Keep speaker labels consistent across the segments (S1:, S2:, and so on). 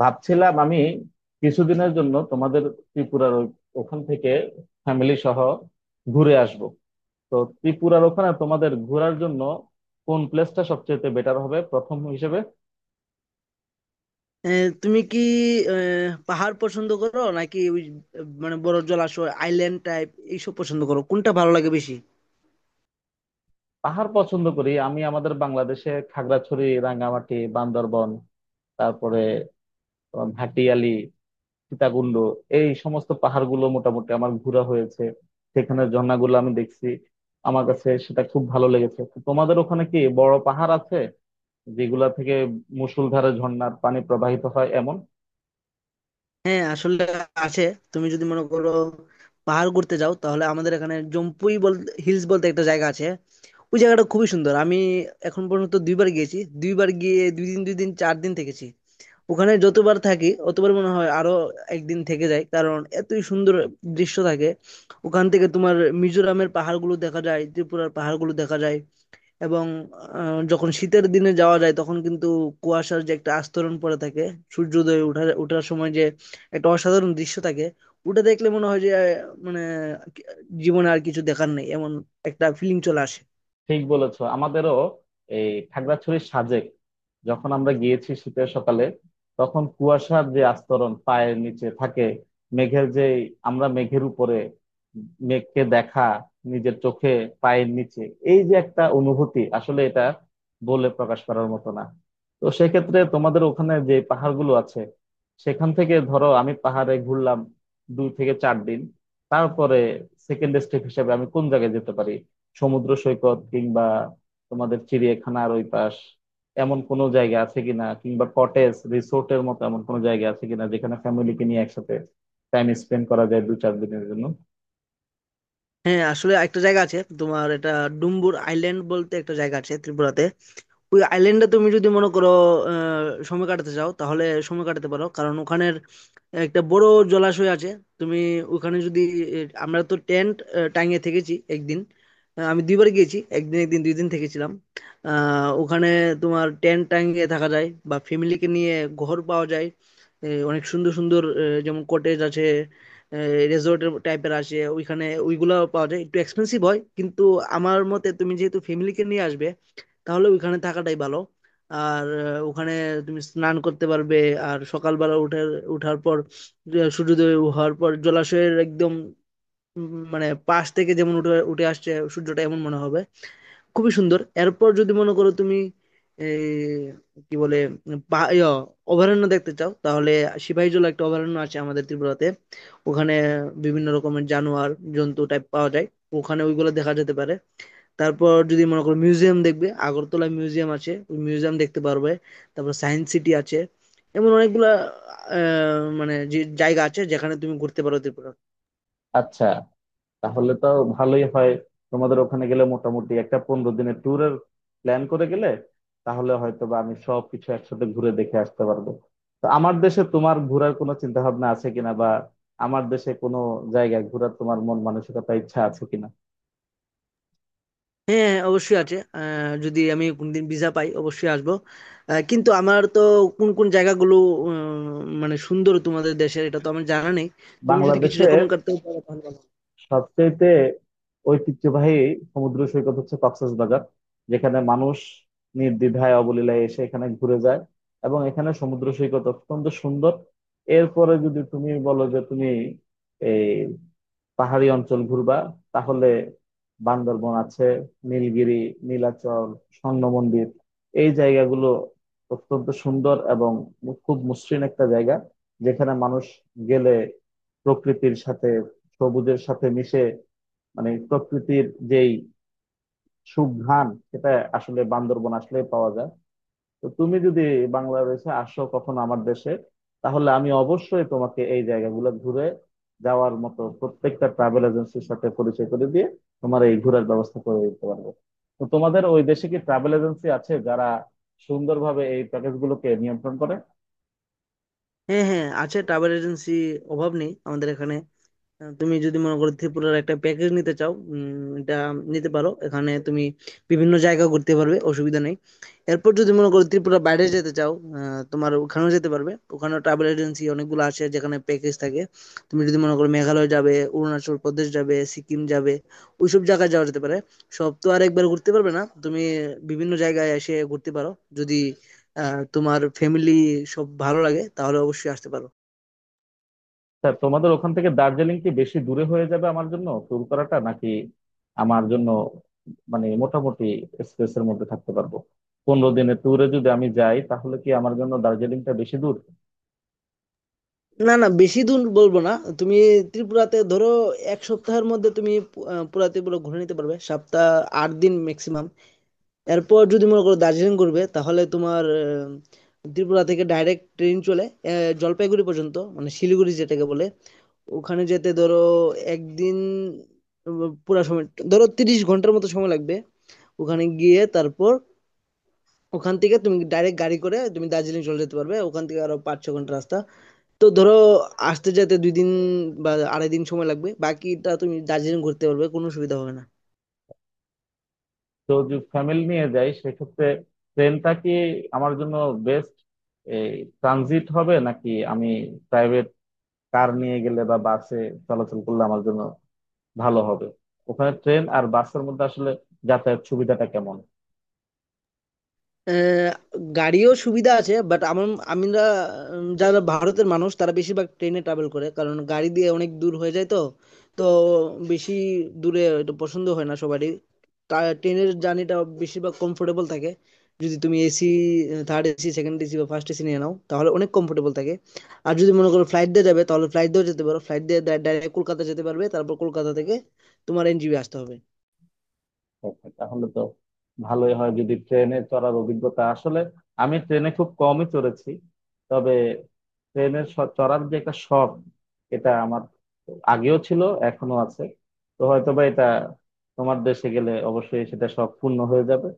S1: ভাবছিলাম আমি কিছুদিনের জন্য তোমাদের ত্রিপুরার ওখান থেকে ফ্যামিলি সহ ঘুরে আসব। তো ত্রিপুরার ওখানে তোমাদের ঘোরার জন্য কোন প্লেসটা সবচেয়ে বেটার হবে প্রথম হিসেবে?
S2: এ, তুমি কি এ, পাহাড় পছন্দ করো, নাকি ওই মানে বড় জলাশয়, আইল্যান্ড টাইপ এইসব পছন্দ করো? কোনটা ভালো লাগে বেশি?
S1: পাহাড় পছন্দ করি আমি। আমাদের বাংলাদেশে খাগড়াছড়ি, রাঙ্গামাটি, বান্দরবন, তারপরে তোমার ভাটিয়ালি, সীতাকুণ্ড, এই সমস্ত পাহাড়গুলো মোটামুটি আমার ঘোরা হয়েছে। সেখানে ঝর্ণাগুলো আমি দেখছি, আমার কাছে সেটা খুব ভালো লেগেছে। তো তোমাদের ওখানে কি বড় পাহাড় আছে যেগুলা থেকে মুষলধারে ঝর্ণার পানি প্রবাহিত হয় এমন?
S2: হ্যাঁ, আসলে আছে। তুমি যদি মনে করো পাহাড় ঘুরতে যাও, তাহলে আমাদের এখানে জম্পুই বলতে, হিলস বলতে একটা জায়গা আছে। ওই জায়গাটা খুবই সুন্দর। আমি এখন পর্যন্ত দুইবার গিয়েছি। দুইবার গিয়ে দুই দিন দুই দিন চার দিন থেকেছি। ওখানে যতবার থাকি অতবার মনে হয় আরো একদিন থেকে যাই, কারণ এতই সুন্দর দৃশ্য থাকে। ওখান থেকে তোমার মিজোরামের পাহাড়গুলো দেখা যায়, ত্রিপুরার পাহাড়গুলো দেখা যায়। এবং যখন শীতের দিনে যাওয়া যায় তখন কিন্তু কুয়াশার যে একটা আস্তরণ পড়ে থাকে, সূর্যোদয় ওঠার ওঠার সময় যে একটা অসাধারণ দৃশ্য থাকে। ওটা দেখলে মনে হয় যে মানে জীবনে আর কিছু দেখার নেই, এমন একটা ফিলিং চলে আসে।
S1: ঠিক বলেছো, আমাদেরও এই খাগড়াছড়ির সাজেক, যখন আমরা গিয়েছি শীতের সকালে, তখন কুয়াশার যে আস্তরণ পায়ের নিচে থাকে, মেঘের যে, আমরা মেঘের উপরে, মেঘকে দেখা নিজের চোখে পায়ের নিচে, এই যে একটা অনুভূতি, আসলে এটা বলে প্রকাশ করার মতো না। তো সেক্ষেত্রে তোমাদের ওখানে যে পাহাড়গুলো আছে, সেখান থেকে ধরো আমি পাহাড়ে ঘুরলাম 2 থেকে 4 দিন, তারপরে সেকেন্ড স্টেপ হিসেবে আমি কোন জায়গায় যেতে পারি? সমুদ্র সৈকত, কিংবা তোমাদের চিড়িয়াখানার ওই পাশ, এমন কোনো জায়গা আছে কিনা, কিংবা কটেজ রিসোর্টের মতো এমন কোনো জায়গা আছে কিনা, যেখানে ফ্যামিলিকে নিয়ে একসাথে টাইম স্পেন্ড করা যায় দু চার দিনের জন্য?
S2: হ্যাঁ, আসলে একটা জায়গা আছে তোমার। এটা ডুম্বুর আইল্যান্ড বলতে একটা জায়গা আছে ত্রিপুরাতে। ওই আইল্যান্ডে তুমি যদি মনে করো সময় কাটাতে চাও, তাহলে সময় কাটাতে পারো, কারণ ওখানের একটা বড় জলাশয় আছে। তুমি ওখানে যদি, আমরা তো টেন্ট টাঙিয়ে থেকেছি একদিন। আমি দুইবার গিয়েছি, একদিন একদিন দুই দিন থেকেছিলাম। আহ, ওখানে তোমার টেন্ট টাঙিয়ে থাকা যায় বা ফ্যামিলিকে নিয়ে ঘর পাওয়া যায়। এই অনেক সুন্দর সুন্দর যেমন কটেজ আছে, রেজর্ট টাইপের আসে ওইখানে, ওইগুলো পাওয়া যায়, একটু এক্সপেন্সিভ হয় কিন্তু। আমার মতে তুমি যেহেতু ফ্যামিলিকে নিয়ে আসবে, তাহলে ওইখানে থাকাটাই ভালো। আর ওখানে তুমি স্নান করতে পারবে। আর সকালবেলা উঠে উঠার পর সূর্যোদয় হওয়ার পর জলাশয়ের একদম মানে পাশ থেকে যেমন উঠে উঠে আসছে সূর্যটা, এমন মনে হবে, খুবই সুন্দর। এরপর যদি মনে করো তুমি এই কি বলে পা- ইয়া, অভয়ারণ্য দেখতে চাও, তাহলে সিপাহীজলা একটা অভয়ারণ্য আছে আমাদের ত্রিপুরাতে। ওখানে বিভিন্ন রকমের জানোয়ার জন্তু টাইপ পাওয়া যায়। ওখানে ওইগুলো দেখা যেতে পারে। তারপর যদি মনে করো মিউজিয়াম দেখবে, আগরতলা মিউজিয়াম আছে, ওই মিউজিয়াম দেখতে পারবে। তারপর সায়েন্স সিটি আছে। এমন অনেকগুলা মানে যে জায়গা আছে যেখানে তুমি ঘুরতে পারো ত্রিপুরা।
S1: আচ্ছা, তাহলে তো ভালোই হয়। তোমাদের ওখানে গেলে মোটামুটি একটা 15 দিনের ট্যুরের প্ল্যান করে গেলে তাহলে হয়তো বা আমি সব কিছু একসাথে ঘুরে দেখে আসতে পারবো। তো আমার দেশে তোমার ঘোরার কোনো চিন্তা ভাবনা আছে কিনা, বা আমার দেশে কোনো জায়গায় ঘোরার তোমার মন মানসিকতা, ইচ্ছা আছে কিনা?
S2: হ্যাঁ, অবশ্যই আছে। যদি আমি কোনদিন ভিসা পাই, অবশ্যই আসবো। কিন্তু আমার তো কোন কোন জায়গাগুলো উম, মানে সুন্দর তোমাদের দেশের এটা তো আমার জানা নেই। তুমি যদি কিছু
S1: বাংলাদেশে
S2: রেকমেন্ড করতে পারো তাহলে ভালো।
S1: সবচেয়েতে ঐতিহ্যবাহী সমুদ্র সৈকত হচ্ছে কক্সবাজার, যেখানে মানুষ নির্দ্বিধায় অবলীলায় এসে এখানে ঘুরে যায়, এবং এখানে সমুদ্র সৈকত অত্যন্ত সুন্দর। এরপরে যদি তুমি বলো যে তুমি এই পাহাড়ি অঞ্চল ঘুরবা, তাহলে বান্দরবন আছে, নীলগিরি, নীলাচল, স্বর্ণ মন্দির, এই জায়গাগুলো অত্যন্ত সুন্দর এবং খুব মসৃণ একটা জায়গা, যেখানে মানুষ গেলে প্রকৃতির সাথে, সবুজের সাথে মিশে, মানে প্রকৃতির যেই সুঘ্রাণ, সেটা আসলে বান্দরবন আসলে পাওয়া যায়। তো তুমি যদি বাংলাদেশে আসো কখনো, আমার দেশে, তাহলে আমি অবশ্যই তোমাকে এই জায়গাগুলো ঘুরে যাওয়ার মতো প্রত্যেকটা ট্রাভেল এজেন্সির সাথে পরিচয় করে দিয়ে তোমার এই ঘোরার ব্যবস্থা করে দিতে পারবো। তো তোমাদের ওই দেশে কি ট্রাভেল এজেন্সি আছে যারা সুন্দরভাবে এই প্যাকেজ গুলোকে নিয়ন্ত্রণ করে?
S2: হ্যাঁ, হ্যাঁ, আছে ট্রাভেল এজেন্সি, অভাব নেই আমাদের এখানে। তুমি যদি মনে করো ত্রিপুরার একটা প্যাকেজ নিতে চাও, এটা নিতে পারো। এখানে তুমি বিভিন্ন জায়গা ঘুরতে পারবে, অসুবিধা নেই। এরপর যদি মনে করো ত্রিপুরা বাইরে যেতে চাও, তোমার ওখানেও যেতে পারবে। ওখানেও ট্রাভেল এজেন্সি অনেকগুলো আছে, যেখানে প্যাকেজ থাকে। তুমি যদি মনে করো মেঘালয় যাবে, অরুণাচল প্রদেশ যাবে, সিকিম যাবে, ওইসব জায়গায় যাওয়া যেতে পারে। সব তো আর একবার ঘুরতে পারবে না। তুমি বিভিন্ন জায়গায় এসে ঘুরতে পারো। যদি তোমার ফ্যামিলি সব ভালো লাগে, তাহলে অবশ্যই আসতে পারো।
S1: তা তোমাদের ওখান থেকে দার্জিলিং কি বেশি দূরে হয়ে যাবে আমার জন্য ট্যুর করাটা, নাকি আমার জন্য মানে মোটামুটি স্পেসের মধ্যে থাকতে পারবো? পনেরো দিনের ট্যুরে যদি আমি যাই তাহলে কি আমার জন্য দার্জিলিংটা বেশি দূর?
S2: না, না, বেশি দূর বলবো না। তুমি ত্রিপুরাতে ধরো এক সপ্তাহের মধ্যে তুমি পুরা ত্রিপুরা ঘুরে নিতে পারবে। সপ্তাহ, ৮ দিন ম্যাক্সিমাম। এরপর যদি মনে করো দার্জিলিং ঘুরবে, তাহলে তোমার ত্রিপুরা থেকে ডাইরেক্ট ট্রেন চলে জলপাইগুড়ি পর্যন্ত, মানে শিলিগুড়ি যেটাকে বলে। ওখানে যেতে ধরো একদিন, পুরা সময় ধরো ৩০ ঘন্টার মতো সময় লাগবে। ওখানে গিয়ে তারপর ওখান থেকে তুমি ডাইরেক্ট গাড়ি করে তুমি দার্জিলিং চলে যেতে পারবে। ওখান থেকে আরো পাঁচ ছ ঘন্টা রাস্তা। তো ধরো আসতে যেতে ২ দিন বা ২.৫ দিন সময় লাগবে। বাকিটা তুমি দার্জিলিং ঘুরতে পারবে। কোনো অসুবিধা হবে না।
S1: তো যদি ফ্যামিলি নিয়ে যাই, সেক্ষেত্রে ট্রেনটা কি আমার জন্য বেস্ট এই ট্রানজিট হবে, নাকি আমি প্রাইভেট কার নিয়ে গেলে বা বাসে চলাচল করলে আমার জন্য ভালো হবে? ওখানে ট্রেন আর বাসের মধ্যে আসলে যাতায়াত সুবিধাটা কেমন?
S2: আহ, গাড়িও সুবিধা আছে, বাট আমার, আমরা যারা ভারতের মানুষ তারা বেশিরভাগ ট্রেনে ট্রাভেল করে, কারণ গাড়ি দিয়ে অনেক দূর হয়ে যায়। তো তো বেশি দূরে এটা পছন্দ হয় না সবারই। ট্রেনের জার্নিটা বেশিরভাগ কমফোর্টেবল থাকে। যদি তুমি AC, third AC, second AC বা ফার্স্ট এসি নিয়ে নাও, তাহলে অনেক কমফোর্টেবল থাকে। আর যদি মনে করো ফ্লাইট দিয়ে যাবে, তাহলে ফ্লাইট দিয়েও যেতে পারো। ফ্লাইট দিয়ে ডাইরেক্ট কলকাতা যেতে পারবে, তারপর কলকাতা থেকে তোমার NJB আসতে হবে।
S1: ওকে, তাহলে তো ভালোই হয় যদি ট্রেনে চড়ার অভিজ্ঞতা। আসলে আমি ট্রেনে খুব কমই চড়েছি, তবে ট্রেনের চড়ার যে একটা শখ, এটা আমার আগেও ছিল, এখনো আছে। তো হয়তোবা এটা তোমার দেশে গেলে অবশ্যই সেটা শখ পূর্ণ হয়ে যাবে।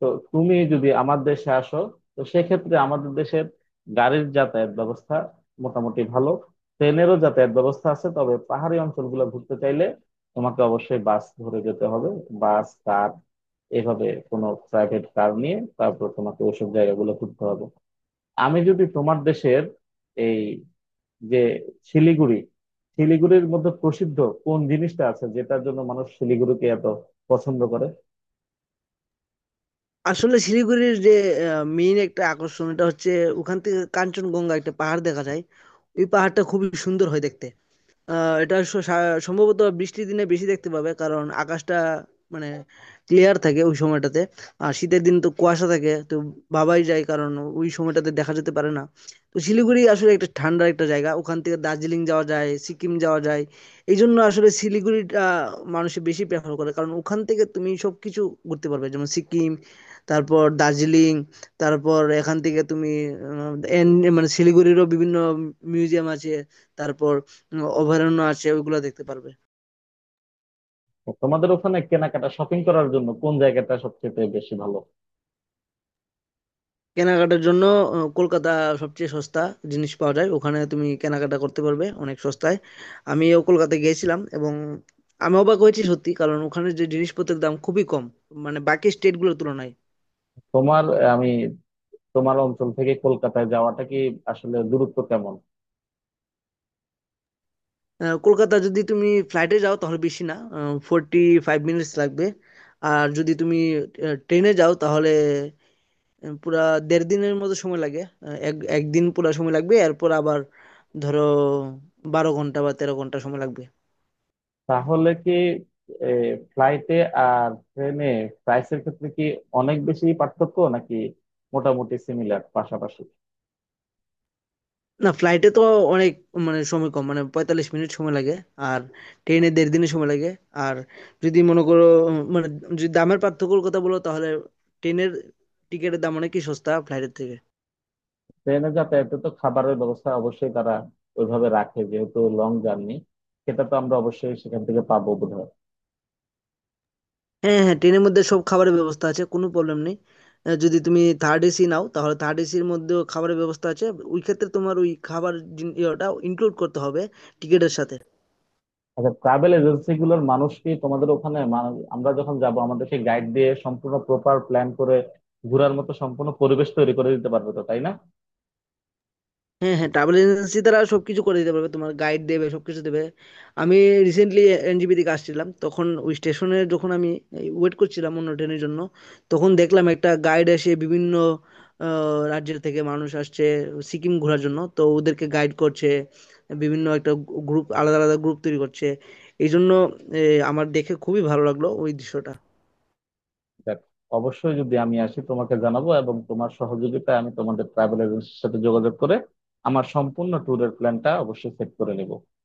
S1: তো তুমি যদি আমার দেশে আসো, তো সেক্ষেত্রে আমাদের দেশের গাড়ির যাতায়াত ব্যবস্থা মোটামুটি ভালো, ট্রেনেরও যাতায়াত ব্যবস্থা আছে, তবে পাহাড়ি অঞ্চলগুলো ঘুরতে চাইলে তোমাকে অবশ্যই বাস ধরে যেতে হবে। বাস, কার, এভাবে কোনো প্রাইভেট কার নিয়ে তারপর তোমাকে ওইসব জায়গাগুলো ঘুরতে হবে। আমি যদি তোমার দেশের এই যে শিলিগুড়ি, শিলিগুড়ির মধ্যে প্রসিদ্ধ কোন জিনিসটা আছে যেটার জন্য মানুষ শিলিগুড়িকে এত পছন্দ করে?
S2: আসলে শিলিগুড়ির যে মেইন একটা আকর্ষণ এটা হচ্ছে ওখান থেকে কাঞ্চনজঙ্ঘা একটা পাহাড় দেখা যায়। ওই পাহাড়টা খুবই সুন্দর হয় দেখতে। এটা সম্ভবত বৃষ্টির দিনে বেশি দেখতে পাবে, কারণ আকাশটা মানে ক্লিয়ার থাকে ওই সময়টাতে। আর শীতের দিন তো কুয়াশা থাকে তো ভাবাই যায়, কারণ ওই সময়টাতে দেখা যেতে পারে না। তো শিলিগুড়ি আসলে একটা ঠান্ডা একটা জায়গা। ওখান থেকে দার্জিলিং যাওয়া যায়, সিকিম যাওয়া যায়। এই জন্য আসলে শিলিগুড়িটা মানুষ বেশি প্রেফার করে, কারণ ওখান থেকে তুমি সবকিছু ঘুরতে পারবে, যেমন সিকিম, তারপর দার্জিলিং। তারপর এখান থেকে তুমি মানে শিলিগুড়িরও বিভিন্ন মিউজিয়াম আছে, তারপর অভয়ারণ্য আছে, ওইগুলো দেখতে পারবে।
S1: তোমাদের ওখানে কেনাকাটা, শপিং করার জন্য কোন জায়গাটা সবচেয়ে বেশি ভালো?
S2: কেনাকাটার জন্য কলকাতা সবচেয়ে সস্তা জিনিস পাওয়া যায়। ওখানে তুমি কেনাকাটা করতে পারবে অনেক সস্তায়। আমিও কলকাতা গিয়েছিলাম এবং আমি অবাক হয়েছি সত্যি, কারণ ওখানে যে জিনিসপত্রের দাম খুবই কম, মানে বাকি স্টেটগুলোর তুলনায়।
S1: তোমার আমি, তোমার অঞ্চল থেকে কলকাতায় যাওয়াটা, কি আসলে দূরত্ব কেমন?
S2: কলকাতা যদি তুমি ফ্লাইটে যাও, তাহলে বেশি না, 45 minutes লাগবে। আর যদি তুমি ট্রেনে যাও, তাহলে পুরা দেড় দিনের মতো সময় লাগে। এক একদিন পুরা সময় লাগবে, এরপর আবার ধরো ১২ ঘন্টা বা ১৩ ঘন্টা সময় লাগবে।
S1: তাহলে কি ফ্লাইটে আর ট্রেনে প্রাইসের ক্ষেত্রে কি অনেক বেশি পার্থক্য, নাকি মোটামুটি সিমিলার পাশাপাশি?
S2: না, ফ্লাইটে তো অনেক মানে সময় কম, মানে ৪৫ মিনিট সময় লাগে। আর ট্রেনে দেড় দিনে সময় লাগে। আর যদি মনে করো মানে যদি দামের পার্থক্যর কথা বলো, তাহলে ট্রেনের টিকিটের দাম অনেকই সস্তা ফ্লাইটের থেকে।
S1: ট্রেনে যাতায়াতে তো খাবারের ব্যবস্থা অবশ্যই তারা ওইভাবে রাখে, যেহেতু লং জার্নি, সেটা তো আমরা অবশ্যই সেখান থেকে পাবো বোধহয়।
S2: হ্যাঁ, হ্যাঁ, ট্রেনের মধ্যে সব খাবারের ব্যবস্থা আছে, কোনো প্রবলেম নেই। যদি তুমি থার্ড এসি নাও, তাহলে থার্ড এসির মধ্যেও খাবারের ব্যবস্থা আছে। ওই ক্ষেত্রে তোমার ওই খাবার ইয়েটা ইনক্লুড করতে হবে টিকিটের সাথে।
S1: আচ্ছা, ট্রাভেল এজেন্সি গুলোর মানুষ কি তোমাদের ওখানে আমরা যখন যাব আমাদেরকে গাইড দিয়ে সম্পূর্ণ প্রপার প্ল্যান করে ঘোরার মতো সম্পূর্ণ পরিবেশ তৈরি করে দিতে পারবে তো, তাই না?
S2: হ্যাঁ, হ্যাঁ, ট্রাভেল এজেন্সি তারা সবকিছু করে দিতে পারবে, তোমার গাইড দেবে, সবকিছু দেবে। আমি রিসেন্টলি NJP থেকে আসছিলাম, তখন ওই স্টেশনে যখন আমি ওয়েট করছিলাম অন্য ট্রেনের জন্য, তখন দেখলাম একটা গাইড এসে বিভিন্ন রাজ্যের থেকে মানুষ আসছে সিকিম ঘোরার জন্য, তো ওদেরকে গাইড করছে। বিভিন্ন একটা গ্রুপ আলাদা আলাদা গ্রুপ তৈরি করছে। এই জন্য এ, আমার দেখে খুবই ভালো লাগলো ওই দৃশ্যটা।
S1: দেখ, অবশ্যই যদি আমি আসি তোমাকে জানাবো, এবং তোমার সহযোগিতায় আমি তোমাদের ট্রাভেল এজেন্সির সাথে যোগাযোগ করে আমার সম্পূর্ণ ট্যুরের প্ল্যানটা অবশ্যই সেট করে নেব।